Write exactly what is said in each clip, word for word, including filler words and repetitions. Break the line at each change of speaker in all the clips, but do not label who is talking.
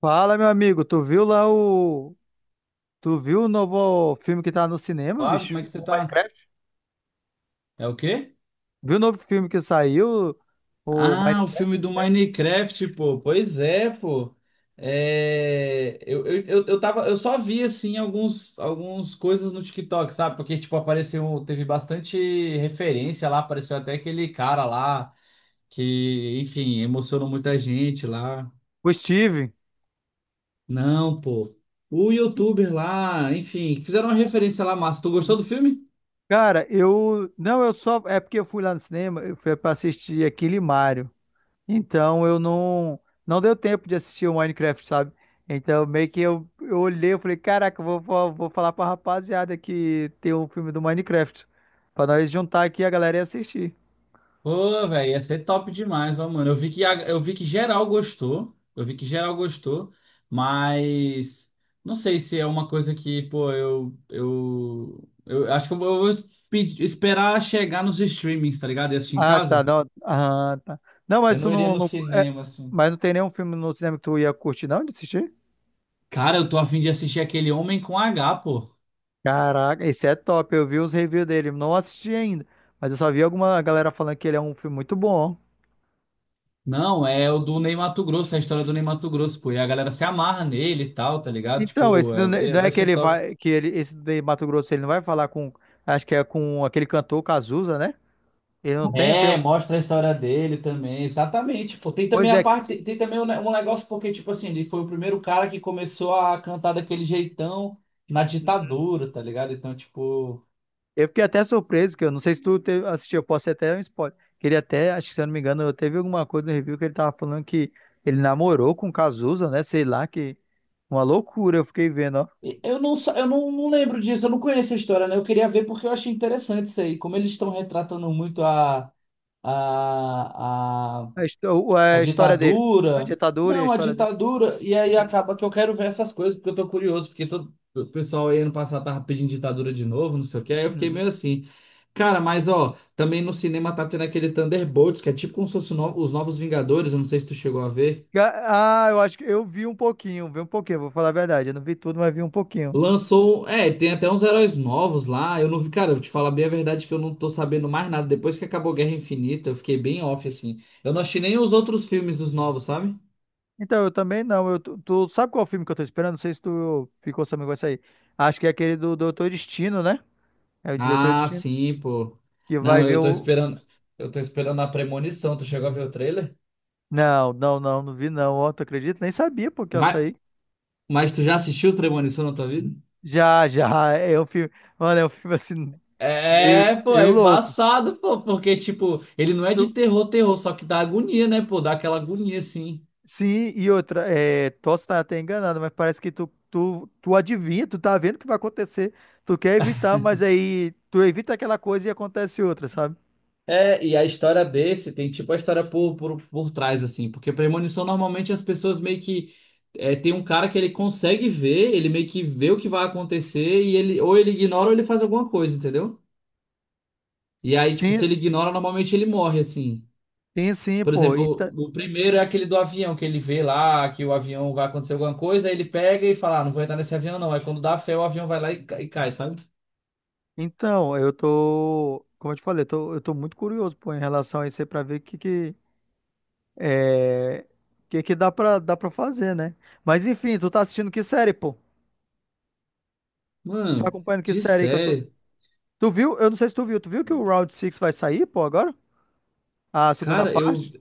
Fala, meu amigo, tu viu lá o. Tu viu o novo filme que tá no cinema,
Flávio,
bicho?
como é que você
O
tá?
Minecraft?
É o quê?
Viu o novo filme que saiu? O
Ah, o
Minecraft,
filme
é
do
sério?
Minecraft, pô. Pois é, pô. É, eu, eu, eu, eu tava, eu só vi, assim, alguns, alguns coisas no TikTok, sabe? Porque, tipo, apareceu, teve bastante referência lá, apareceu até aquele cara lá que, enfim, emocionou muita gente lá.
O Steve.
Não, pô. O youtuber lá, enfim, fizeram uma referência lá, massa. Tu gostou
Uhum.
do filme?
Cara, eu. Não, eu só. É porque eu fui lá no cinema, eu fui pra assistir aquele Mario. Então eu não. Não deu tempo de assistir o Minecraft, sabe? Então meio que eu, eu olhei, eu falei, caraca, eu vou, vou, vou falar pra rapaziada que tem um filme do Minecraft. Pra nós juntar aqui a galera e assistir.
Pô, velho, ia ser top demais, ó, mano. Eu vi que, a- eu vi que geral gostou. Eu vi que geral gostou, mas não sei se é uma coisa que, pô, eu eu, eu acho que eu vou es- pedir- esperar chegar nos streamings, tá ligado? E assistir em
Ah, tá.
casa.
Não, ah, tá. Não,
Eu
mas tu
não iria
não,
no
não- é,
cinema, assim.
mas não tem nenhum filme no cinema que tu ia curtir, não, de assistir?
Cara, eu tô a fim de assistir aquele Homem com H, pô.
Caraca, esse é top. Eu vi os reviews dele. Não assisti ainda, mas eu só vi alguma galera falando que ele é um filme muito bom.
Não, é o do Ney Matogrosso, é a história do Ney Matogrosso, pô. E a galera se amarra nele e tal, tá ligado?
Então,
Tipo,
esse não
é- é-
não é
vai
que
ser
ele
top.
vai, que ele, esse de Mato Grosso, ele não vai falar com, acho que é com aquele cantor Cazuza, né? Ele não tem, tem,
É, mostra a história dele também, exatamente. Pô, tem também
pois
a
é, que-
parte, tem também um, ne- um negócio porque tipo assim, ele foi o primeiro cara que começou a cantar daquele jeitão na ditadura, tá ligado? Então, tipo,
Eu fiquei até surpreso, que eu não sei se tu te- assistiu, eu posso ser até um spoiler. Que ele até, acho que se eu não me engano, eu teve alguma coisa no review que ele tava falando que ele namorou com o Cazuza, né? Sei lá, que uma loucura, eu fiquei vendo, ó.
e- eu não sa- eu não, não lembro disso, eu não conheço a história, né? Eu queria ver porque eu achei interessante isso aí, como eles estão retratando muito a a,
A, histó-
a
a história dele. A
ditadura.
ditadura e a
Não, a
história dele.
ditadura. E aí
Uhum,
acaba que eu quero ver essas coisas, porque eu tô curioso, porque todo... o pessoal aí ano passado tava pedindo ditadura de novo, não sei o que. Aí eu fiquei meio
uhum.
assim. Cara, mas ó, também no cinema tá tendo aquele Thunderbolts, que é tipo como se fosse o no- os Novos Vingadores, eu não sei se tu chegou a ver.
Ah, eu acho que eu vi um pouquinho, vi um pouquinho, vou falar a verdade. Eu não vi tudo, mas vi um pouquinho.
Lançou. um, É, tem até uns heróis novos lá. Eu não vi, cara, eu vou te falar bem a verdade que eu não tô sabendo mais nada. Depois que acabou Guerra Infinita, eu fiquei bem off, assim. Eu não achei nem os outros filmes dos novos, sabe?
Então, eu também não. Eu, tu, tu sabe qual filme que eu tô esperando? Não sei se tu ficou sabendo que vai sair. Acho que é aquele do Doutor Destino, né? É o Doutor
Ah,
Destino.
sim, pô.
Que vai
Não,
ver
eu
o,
tô esperando. Eu tô esperando a Premonição. Tu chegou a ver o trailer?
não, não, não, não vi não. Ó, tu acredita? Nem sabia porque eu
Mas,
saí.
mas tu já assistiu Premonição na tua vida?
Já, já. É um filme. Mano, é um filme assim, meio,
É, pô,
meio
é
louco.
embaçado, pô, porque, tipo, ele não é de
Tu-
terror, terror, só que dá agonia, né, pô, dá aquela agonia, assim.
sim, e outra, é, posso estar até enganado, mas parece que tu, tu, tu adivinha, tu tá vendo o que vai acontecer. Tu quer evitar, mas aí tu evita aquela coisa e acontece outra, sabe?
É, e a história desse tem, tipo, a história por, por, por trás, assim, porque premonição, normalmente, as pessoas meio que, é, tem um cara que ele consegue ver, ele meio que vê o que vai acontecer, e ele, ou ele ignora ou ele faz alguma coisa, entendeu? E aí, tipo,
Sim,
se ele ignora, normalmente ele morre, assim.
sim, sim,
Por
pô.
exemplo,
Então,
o primeiro é aquele do avião, que ele vê lá que o avião vai acontecer alguma coisa, aí ele pega e fala, ah, não vou entrar nesse avião não. Aí quando dá fé, o avião vai lá e ca- e cai, sabe?
então eu tô. Como eu te falei, eu tô, eu tô muito curioso, pô, em relação a isso aí pra ver o que, que. É, que que dá pra, dá pra fazer, né? Mas enfim, tu tá assistindo que série, pô? Tu tá
Mano,
acompanhando que
de
série aí que eu tô.
sério.
Tu viu? Eu não sei se tu viu. Tu viu que o round seis vai sair, pô, agora? A segunda
Cara, eu...
parte?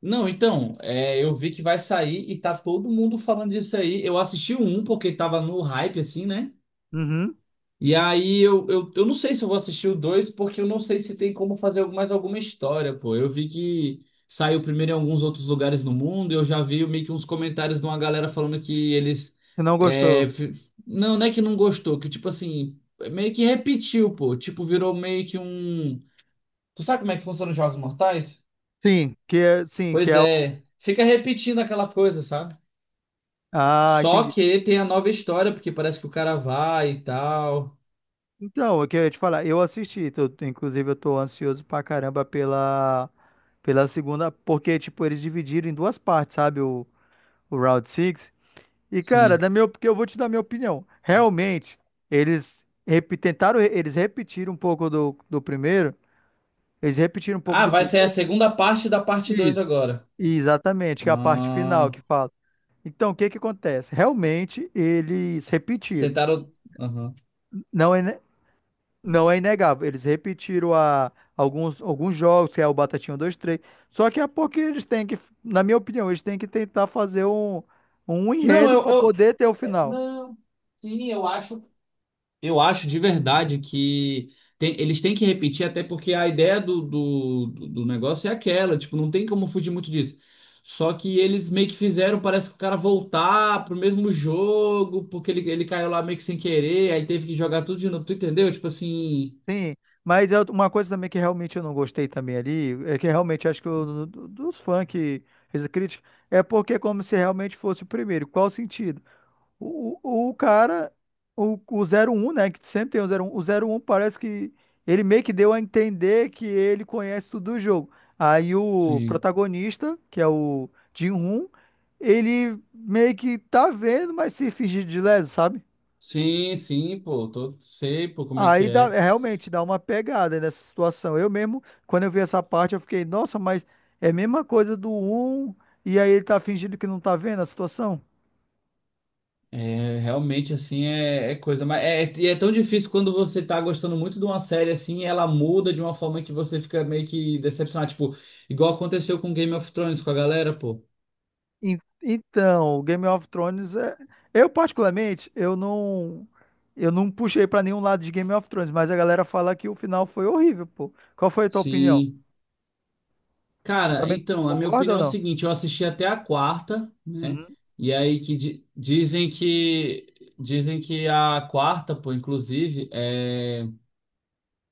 Não, então, é, eu vi que vai sair e tá todo mundo falando disso aí. Eu assisti o um, porque tava no hype, assim, né?
Uhum.
E aí eu, eu, eu não sei se eu vou assistir o dois porque eu não sei se tem como fazer mais alguma história, pô. Eu vi que saiu primeiro em alguns outros lugares no mundo, e eu já vi meio que uns comentários de uma galera falando que eles.
Que não
é,
gostou.
f- não, não é que não gostou, que tipo assim, meio que repetiu, pô. Tipo, virou meio que um. Tu sabe como é que funciona os Jogos Mortais?
Sim, que é, sim, que
Pois
é o.
é, fica repetindo aquela coisa, sabe?
Ah,
Só
entendi.
que tem a nova história, porque parece que o cara vai e tal.
Então, o que eu ia te falar, eu assisti, tô- tô- inclusive eu tô ansioso pra caramba pela, pela, segunda, porque, tipo, eles dividiram em duas partes, sabe? O, o round seis. E, cara,
Sim.
na minha, op- porque eu vou te dar minha opinião. Realmente, eles repi- tentaram, eles repetiram um pouco do, do primeiro. Eles repetiram um pouco
Ah,
do
vai ser a
primeiro.
segunda parte da parte dois
Isso.
agora.
Exatamente, que é a parte final
Ah,
que fala. Então, o que que acontece? Realmente, eles repetiram.
tentaram. Aham.
Não é, ne- não é inegável. Eles repetiram a, alguns, alguns jogos, que é o Batatinha um, dois três. Só que é porque eles têm que, na minha opinião, eles têm que tentar fazer um, um
Não,
enredo
eu,
para
eu.
poder ter o
É,
final.
Não, sim, eu acho. Eu acho de verdade que tem- eles têm que repetir, até porque a ideia do, do, do do negócio é aquela, tipo, não tem como fugir muito disso. Só que eles meio que fizeram, parece que o cara voltar pro mesmo jogo, porque ele, ele caiu lá meio que sem querer, aí teve que jogar tudo de novo, tu entendeu? Tipo assim.
Sim, mas eu- uma coisa também que realmente eu não gostei também ali, é que realmente acho que o, do- dos fãs que fez a crítica, é porque é como se realmente fosse o primeiro. Qual o sentido? O, o, o cara, o, o zero um, né, que sempre tem o zero um o zero um parece que ele meio que deu a entender que ele conhece tudo do jogo. Aí o
Sim.
protagonista, que é o Jin-Hoon, ele meio que tá vendo, mas se fingir de leso, sabe?
Sim, sim, pô, tô, sei, pô, como é que
Aí dá,
é.
é, realmente dá uma pegada nessa situação. Eu mesmo, quando eu vi essa parte, eu fiquei, nossa, mas é a mesma coisa do um, e aí ele tá fingindo que não tá vendo a situação?
É, realmente, assim, é, é coisa. Mas é, é- e é tão difícil quando você tá gostando muito de uma série, assim, e ela muda de uma forma que você fica meio que decepcionado. Tipo, igual aconteceu com Game of Thrones com a galera, pô.
En- Então, Game of Thrones é. Eu, particularmente, eu não. Eu não puxei pra nenhum lado de Game of Thrones, mas a galera fala que o final foi horrível, pô. Qual foi a tua opinião?
Sim.
Tu
Cara,
também
então, a minha
concorda
opinião
ou
é o
não?
seguinte: eu assisti até a quarta, né?
Uhum.
E aí que di- dizem que. Dizem que a quarta, pô, inclusive, é,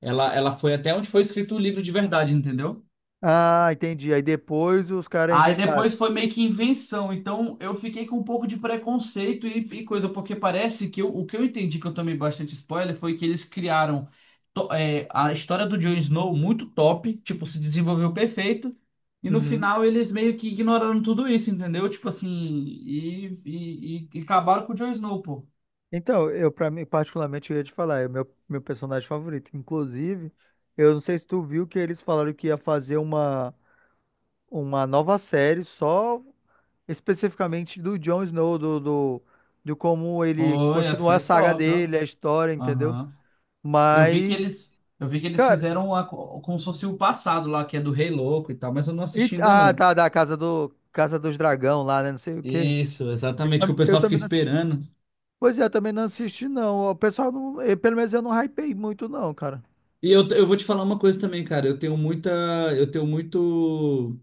ela, ela foi até onde foi escrito o livro de verdade, entendeu?
Ah, entendi. Aí depois os caras
Aí
inventaram.
depois foi meio que invenção, então eu fiquei com um pouco de preconceito e, e coisa, porque parece que eu- o que eu entendi que eu tomei bastante spoiler foi que eles criaram to- é, a história do Jon Snow muito top, tipo, se desenvolveu perfeito, e no
Uhum.
final eles meio que ignoraram tudo isso, entendeu? Tipo assim, e, e, e- e acabaram com o Jon Snow, pô.
Então, eu, para mim particularmente, eu ia te falar, é o meu meu personagem favorito. Inclusive, eu não sei se tu viu que eles falaram que ia fazer uma uma nova série só especificamente do Jon Snow, do do, do como ele
Pô, ia
continuar a
ser
saga
top, ó.
dele, a história, entendeu?
Aham. Eu vi que
Mas,
eles, eu vi que eles
cara,
fizeram a, como se fosse o passado lá, que é do Rei Louco e tal, mas eu não
e,
assisti ainda
ah,
não.
tá, da casa do Casa dos Dragão lá, né, não sei o quê.
Isso,
Eu,
exatamente,
tam-
que o
eu
pessoal fica
também não assisti.
esperando.
Pois é, eu também não assisti não. O pessoal não, eh, pelo menos eu não hypei muito não, cara.
E eu, eu vou te falar uma coisa também, cara. Eu tenho muita. Eu tenho muito.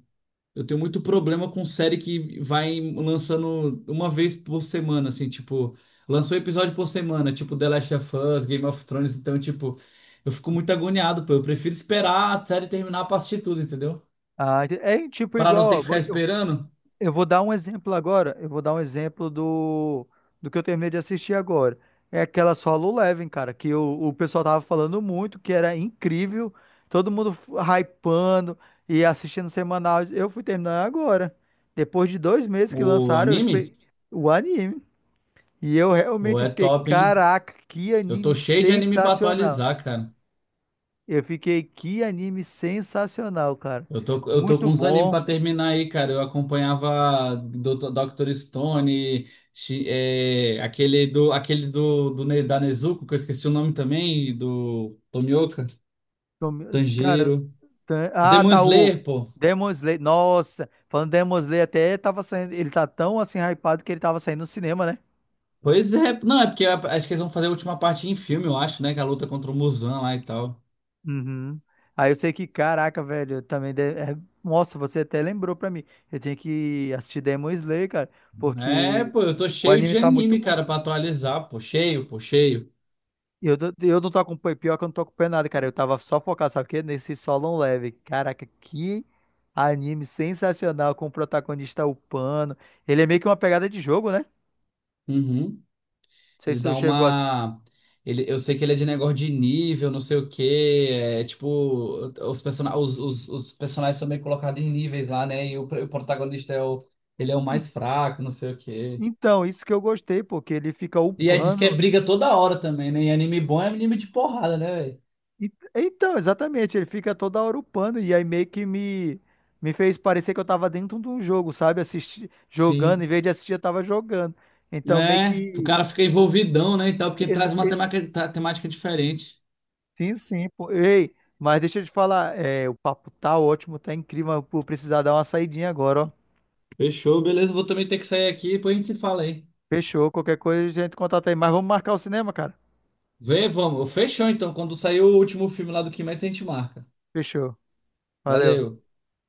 Eu tenho muito problema com série que vai lançando uma vez por semana, assim, tipo, lançou episódio por semana, tipo The Last of Us, Game of Thrones, então, tipo, eu fico muito agoniado, pô. Eu prefiro esperar a série terminar pra assistir tudo, entendeu?
Ah, ente- é tipo
Pra
igual,
não ter que
ó, vou,
ficar esperando
eu vou dar um exemplo agora. Eu vou dar um exemplo do, do que eu terminei de assistir agora. É aquela Solo Leveling, cara, que o, o pessoal tava falando muito, que era incrível, todo mundo f- hypando e assistindo semanal. Eu fui terminar agora. Depois de dois meses que
o
lançaram, eu
anime,
espe- o anime. E eu
pô,
realmente
é
fiquei,
top, hein?
caraca, que
Eu tô
anime
cheio de anime pra
sensacional.
atualizar, cara.
Eu fiquei, que anime sensacional, cara.
Eu tô, eu tô
Muito
com uns animes
bom.
pra terminar aí, cara. Eu acompanhava doutor Dr. Stone, chi- é, aquele do, aquele do, do Ne- da Nezuko, que eu esqueci o nome também, e do Tomioka,
Então, cara,
Tanjiro.
Tan-
O
ah,
Demon
tá, o
Slayer, pô.
Demon Slayer. Nossa, falando Demon Slayer, até tava saindo. Ele tá tão assim hypado que ele tava saindo no cinema, né?
Pois é, não, é porque a- acho que eles vão fazer a última parte em filme, eu acho, né? Que é a luta contra o Muzan lá e tal.
Uhum. Aí eu sei que, caraca, velho, eu também. de- é- Nossa, você até lembrou pra mim. Eu tenho que assistir Demon Slayer, cara,
É,
porque
pô, eu tô
o
cheio
anime
de
tá muito
anime,
bom.
cara, pra atualizar, pô. Cheio, pô, cheio.
Eu, do- eu não tô acompanhando, pior que eu não tô acompanhando nada, cara. Eu tava só focado, sabe o quê? Nesse Solo Level. Caraca, que anime sensacional, com o protagonista upando. Ele é meio que uma pegada de jogo, né? Não
Uhum.
sei
Ele
se tu
dá
chegou a.
uma. Ele, eu sei que ele é de negócio de nível, não sei o quê. É tipo, os, persona... os, os, os personagens são meio colocados em níveis lá, né? E o, pr- o protagonista é o. Ele é o mais fraco, não sei o quê.
Então, isso que eu gostei, porque ele fica
E é, diz que é
upando.
briga toda hora também, né? E anime bom é anime de porrada, né, velho?
E- Então, exatamente, ele fica toda hora upando. E aí meio que me, me fez parecer que eu tava dentro de um jogo, sabe? Assisti, jogando, em
Sim.
vez de assistir, eu tava jogando. Então, meio
É, o
que
cara fica envolvidão, né, e tal, porque
ex-
traz uma
e-
temática, ta- temática diferente.
sim, sim, pô. Ei, mas deixa eu te falar, é, o papo tá ótimo, tá incrível, mas eu vou precisar dar uma saidinha agora, ó.
Fechou, beleza, vou também ter que sair aqui, depois a gente se fala aí.
Fechou, qualquer coisa a gente contata aí. Mas vamos marcar o cinema, cara.
Vê, vamos. Fechou então, quando sair o último filme lá do Kimetsu, a gente marca.
Fechou. Valeu.
Valeu.